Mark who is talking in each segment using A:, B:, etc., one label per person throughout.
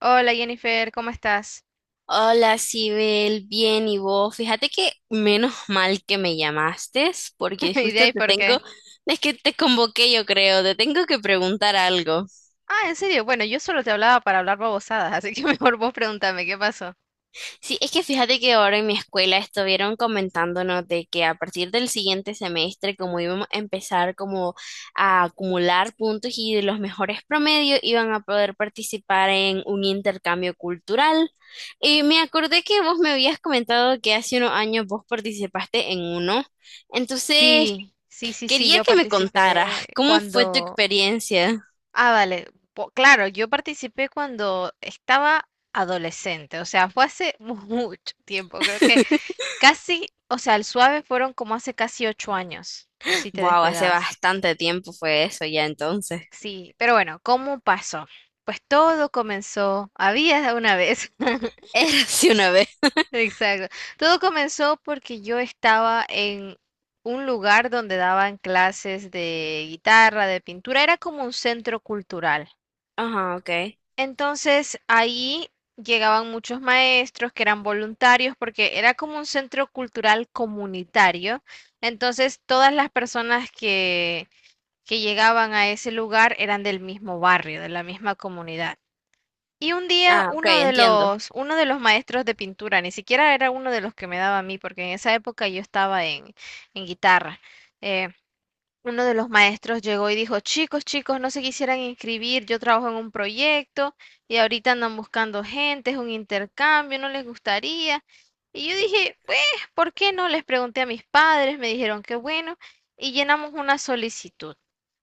A: Hola Jennifer, ¿cómo estás?
B: Hola, Sibel, bien, ¿y vos? Fíjate que menos mal que me llamaste, porque
A: ¿Y de
B: justo
A: ahí
B: te
A: por qué?
B: tengo, es que te convoqué, yo creo, te tengo que preguntar algo.
A: Ah, en serio, bueno, yo solo te hablaba para hablar babosadas, así que mejor vos pregúntame, ¿qué pasó?
B: Sí, es que fíjate que ahora en mi escuela estuvieron comentándonos de que a partir del siguiente semestre, como íbamos a empezar como a acumular puntos y de los mejores promedios, iban a poder participar en un intercambio cultural. Y me acordé que vos me habías comentado que hace unos años vos participaste en uno. Entonces,
A: Sí, sí, sí, sí,
B: quería
A: yo
B: que me contaras
A: participé
B: cómo fue tu
A: cuando...
B: experiencia.
A: Ah, vale, claro, yo participé cuando estaba adolescente, o sea, fue hace mucho tiempo, creo que casi, o sea, el suave fueron como hace casi 8 años, si te
B: Wow, hace
A: descuidabas.
B: bastante tiempo fue eso ya entonces.
A: Sí, pero bueno, ¿cómo pasó? Pues todo comenzó, había una vez.
B: Era así una vez.
A: Exacto. Todo comenzó porque yo estaba en un lugar donde daban clases de guitarra, de pintura, era como un centro cultural.
B: Ajá, ok.
A: Entonces ahí llegaban muchos maestros que eran voluntarios porque era como un centro cultural comunitario. Entonces todas las personas que llegaban a ese lugar eran del mismo barrio, de la misma comunidad. Y un día
B: Ah, ok,
A: uno de
B: entiendo.
A: los, uno de los maestros de pintura, ni siquiera era uno de los que me daba a mí, porque en esa época yo estaba en guitarra. eh, Uno de los maestros llegó y dijo, chicos, chicos, no se quisieran inscribir, yo trabajo en un proyecto y ahorita andan buscando gente, es un intercambio, no les gustaría. Y yo dije, pues, ¿por qué no? Les pregunté a mis padres, me dijeron que bueno, y llenamos una solicitud.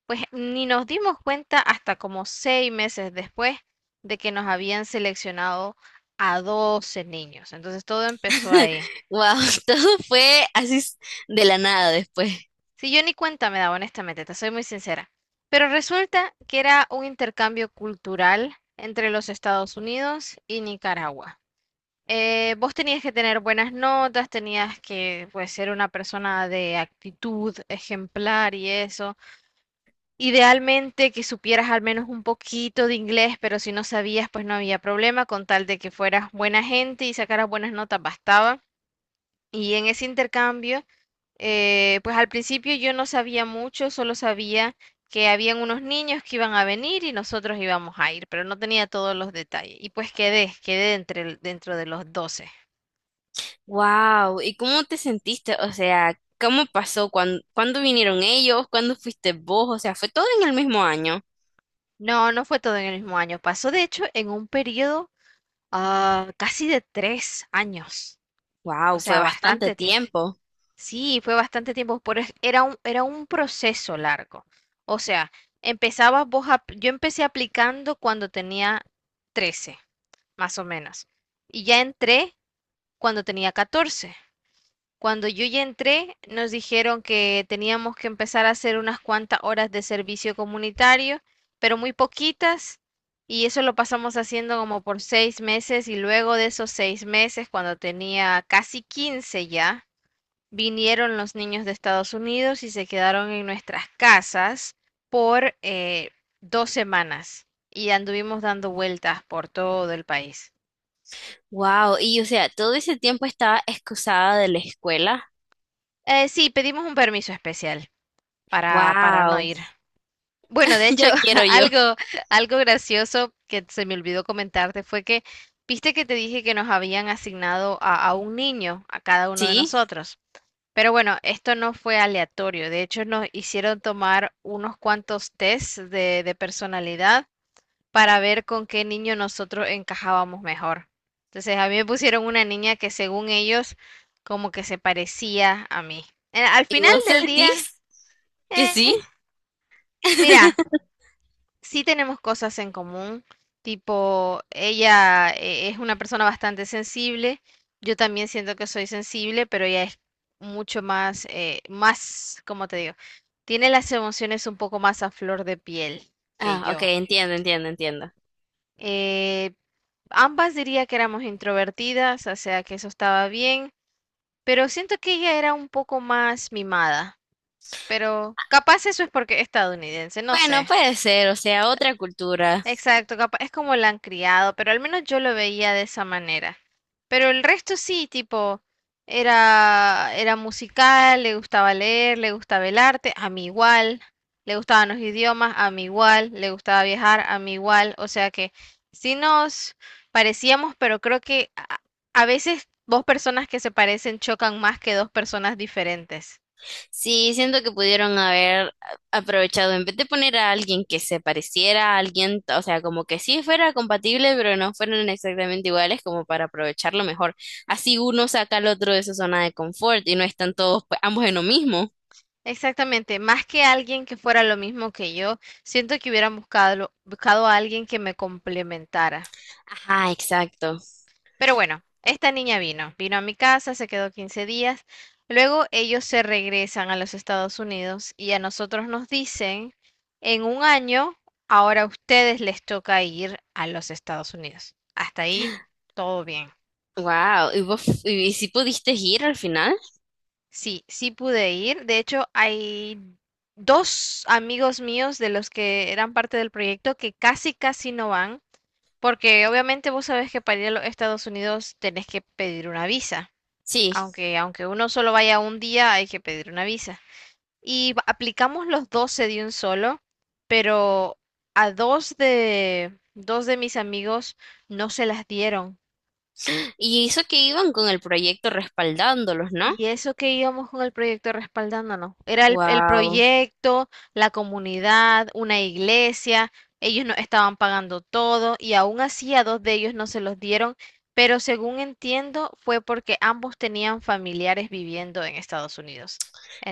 A: Pues ni nos dimos cuenta hasta como 6 meses después de que nos habían seleccionado a 12 niños. Entonces todo empezó ahí.
B: Wow, todo fue así de la nada después.
A: Sí, yo ni cuenta me daba, honestamente, te soy muy sincera. Pero resulta que era un intercambio cultural entre los Estados Unidos y Nicaragua. Vos tenías que tener buenas notas, tenías que pues, ser una persona de actitud ejemplar y eso. Idealmente que supieras al menos un poquito de inglés, pero si no sabías, pues no había problema, con tal de que fueras buena gente y sacaras buenas notas, bastaba. Y en ese intercambio, pues al principio yo no sabía mucho, solo sabía que habían unos niños que iban a venir y nosotros íbamos a ir, pero no tenía todos los detalles. Y pues quedé dentro de los 12.
B: Wow, ¿y cómo te sentiste? O sea, ¿cómo pasó? ¿¿Cuándo vinieron ellos? ¿Cuándo fuiste vos? O sea, ¿fue todo en el mismo año?
A: No, no fue todo en el mismo año, pasó de hecho en un periodo casi de 3 años, o
B: Wow, fue
A: sea,
B: bastante
A: bastante tiempo.
B: tiempo.
A: Sí, fue bastante tiempo, era un proceso largo. O sea, yo empecé aplicando cuando tenía 13, más o menos. Y ya entré cuando tenía 14. Cuando yo ya entré, nos dijeron que teníamos que empezar a hacer unas cuantas horas de servicio comunitario, pero muy poquitas. Y eso lo pasamos haciendo como por 6 meses y luego de esos 6 meses, cuando tenía casi 15 ya. Vinieron los niños de Estados Unidos y se quedaron en nuestras casas por 2 semanas y anduvimos dando vueltas por todo el país.
B: Wow, y o sea, todo ese tiempo estaba excusada de la escuela.
A: Sí, pedimos un permiso especial para no
B: Wow,
A: ir. Bueno, de
B: yo
A: hecho,
B: quiero yo.
A: algo, algo gracioso que se me olvidó comentarte fue que, viste que te dije que nos habían asignado a un niño, a cada uno de
B: ¿Sí?
A: nosotros. Pero bueno, esto no fue aleatorio. De hecho, nos hicieron tomar unos cuantos tests de personalidad para ver con qué niño nosotros encajábamos mejor. Entonces, a mí me pusieron una niña que según ellos, como que se parecía a mí. Al
B: ¿Y
A: final
B: vos
A: del día,
B: sentís que
A: eh,
B: sí?
A: mira, sí tenemos cosas en común, tipo, ella es una persona bastante sensible, yo también siento que soy sensible, pero ella es mucho más, ¿cómo te digo? Tiene las emociones un poco más a flor de piel que
B: Ah, ok,
A: yo.
B: entiendo, entiendo, entiendo.
A: Eh, Ambas diría que éramos introvertidas, o sea que eso estaba bien, pero siento que ella era un poco más mimada, pero capaz eso es porque es estadounidense, no
B: Bueno,
A: sé.
B: puede ser, o sea, otra cultura.
A: Exacto, capaz es como la han criado, pero al menos yo lo veía de esa manera. Pero el resto sí, tipo, era musical, le gustaba leer, le gustaba el arte, a mí igual, le gustaban los idiomas, a mí igual, le gustaba viajar, a mí igual, o sea que sí nos parecíamos, pero creo que a veces dos personas que se parecen chocan más que dos personas diferentes.
B: Sí, siento que pudieron haber aprovechado, en vez de poner a alguien que se pareciera a alguien, o sea, como que sí fuera compatible, pero no fueran exactamente iguales, como para aprovecharlo mejor. Así uno saca al otro de su zona de confort y no están todos, pues, ambos en lo mismo.
A: Exactamente, más que alguien que fuera lo mismo que yo, siento que hubieran buscado a alguien que me complementara.
B: Ajá, exacto.
A: Pero bueno, esta niña vino a mi casa, se quedó 15 días, luego ellos se regresan a los Estados Unidos y a nosotros nos dicen, en un año, ahora a ustedes les toca ir a los Estados Unidos. Hasta ahí, todo bien.
B: Wow, ¿y vos, y si pudiste ir al final?
A: Sí, sí pude ir. De hecho, hay dos amigos míos de los que eran parte del proyecto que casi no van, porque obviamente vos sabés que para ir a los Estados Unidos tenés que pedir una visa.
B: Sí,
A: Aunque uno solo vaya un día, hay que pedir una visa. Aplicamos los 12 de un solo, pero a dos de mis amigos no se las dieron.
B: y eso que iban con el proyecto respaldándolos, ¿no?
A: Y eso que íbamos con el proyecto respaldándonos. Era el
B: Wow.
A: proyecto, la comunidad, una iglesia. Ellos no estaban pagando todo y aún así a dos de ellos no se los dieron. Pero según entiendo, fue porque ambos tenían familiares viviendo en Estados Unidos.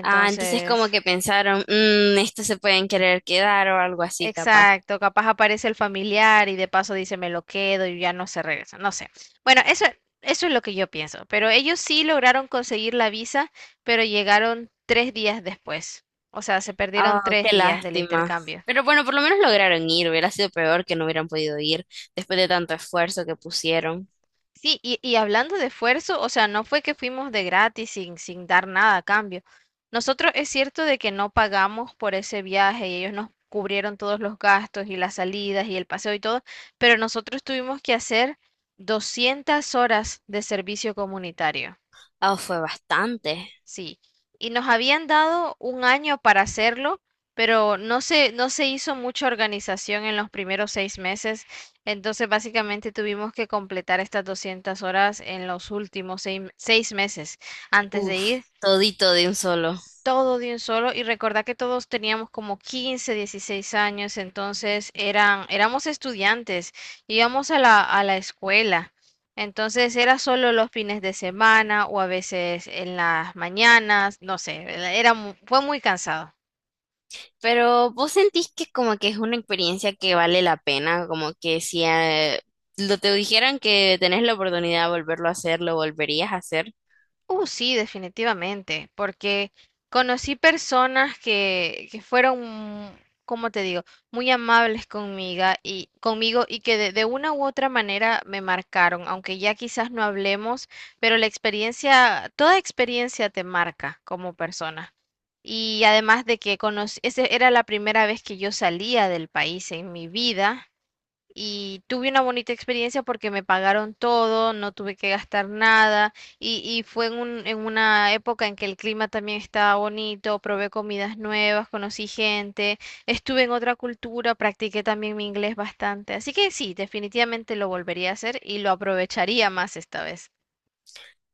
B: Ah, entonces como que pensaron, mmm, estos se pueden querer quedar o algo así, capaz.
A: exacto, capaz aparece el familiar y de paso dice me lo quedo y ya no se regresa, no sé. Bueno, eso es lo que yo pienso, pero ellos sí lograron conseguir la visa, pero llegaron 3 días después, o sea, se perdieron
B: Ah,
A: tres
B: qué
A: días del
B: lástima.
A: intercambio.
B: Pero bueno, por lo menos lograron ir. Hubiera sido peor que no hubieran podido ir después de tanto esfuerzo que pusieron.
A: Sí, y hablando de esfuerzo, o sea, no fue que fuimos de gratis sin, sin dar nada a cambio. Nosotros es cierto de que no pagamos por ese viaje y ellos nos cubrieron todos los gastos y las salidas y el paseo y todo, pero nosotros tuvimos que hacer 200 horas de servicio comunitario.
B: Ah, fue bastante.
A: Sí, y nos habían dado un año para hacerlo, pero no se hizo mucha organización en los primeros 6 meses, entonces básicamente tuvimos que completar estas 200 horas en los últimos seis meses antes de
B: Uf,
A: ir
B: todito de un solo.
A: todo de un solo y recordá que todos teníamos como 15-16 años, entonces éramos estudiantes, íbamos a la escuela, entonces era solo los fines de semana o a veces en las mañanas, no sé, fue muy cansado.
B: Pero vos sentís que como que es una experiencia que vale la pena, como que si lo te dijeran que tenés la oportunidad de volverlo a hacer, lo volverías a hacer.
A: Sí, definitivamente, porque conocí personas que fueron, como te digo, muy amables conmigo y que de una u otra manera me marcaron, aunque ya quizás no hablemos, pero la experiencia, toda experiencia te marca como persona. Y además de que conocí, esa era la primera vez que yo salía del país en mi vida y tuve una bonita experiencia porque me pagaron todo, no tuve que gastar nada y fue en una época en que el clima también estaba bonito, probé comidas nuevas, conocí gente, estuve en otra cultura, practiqué también mi inglés bastante. Así que sí, definitivamente lo volvería a hacer y lo aprovecharía más esta vez.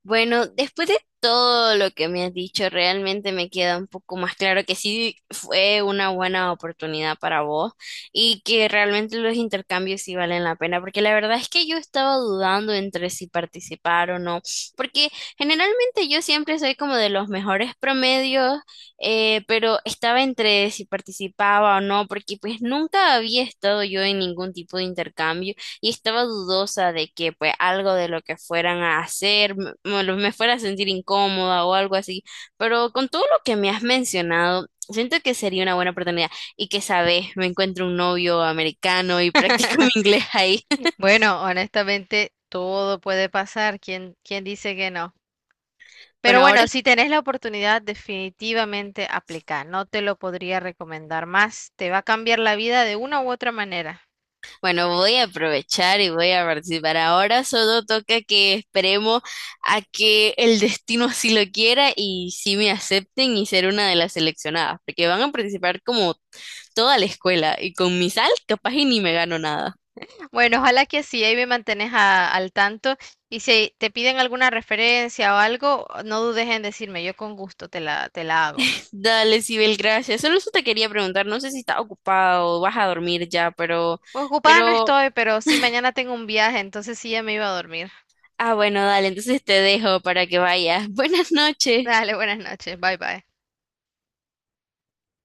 B: Bueno, después de todo lo que me has dicho, realmente me queda un poco más claro que sí fue una buena oportunidad para vos y que realmente los intercambios sí valen la pena, porque la verdad es que yo estaba dudando entre si participar o no, porque generalmente yo siempre soy como de los mejores promedios, pero estaba entre si participaba o no, porque pues nunca había estado yo en ningún tipo de intercambio y estaba dudosa de que pues algo de lo que fueran a hacer me fuera a sentir incómoda o algo así, pero con todo lo que me has mencionado, siento que sería una buena oportunidad y que sabes, me encuentro un novio americano y practico mi inglés ahí.
A: Bueno, honestamente, todo puede pasar. ¿Quién dice que no? Pero
B: Bueno, ahora
A: bueno, si tenés la oportunidad, definitivamente aplica. No te lo podría recomendar más. Te va a cambiar la vida de una u otra manera.
B: Bueno, voy a aprovechar y voy a participar. Ahora solo toca que esperemos a que el destino así lo quiera y si me acepten y ser una de las seleccionadas, porque van a participar como toda la escuela y con mi sal capaz y ni me gano nada.
A: Bueno, ojalá que así ahí me mantenés al tanto. Y si te piden alguna referencia o algo, no dudes en decirme. Yo con gusto te la hago.
B: Dale, Sibel, gracias. Solo eso te quería preguntar, no sé si estás ocupado o vas a dormir ya,
A: Pues ocupada no
B: pero,
A: estoy, pero sí mañana tengo un viaje, entonces sí ya me iba a dormir.
B: ah, bueno, dale, entonces te dejo para que vayas. Buenas noches.
A: Dale, buenas noches. Bye bye.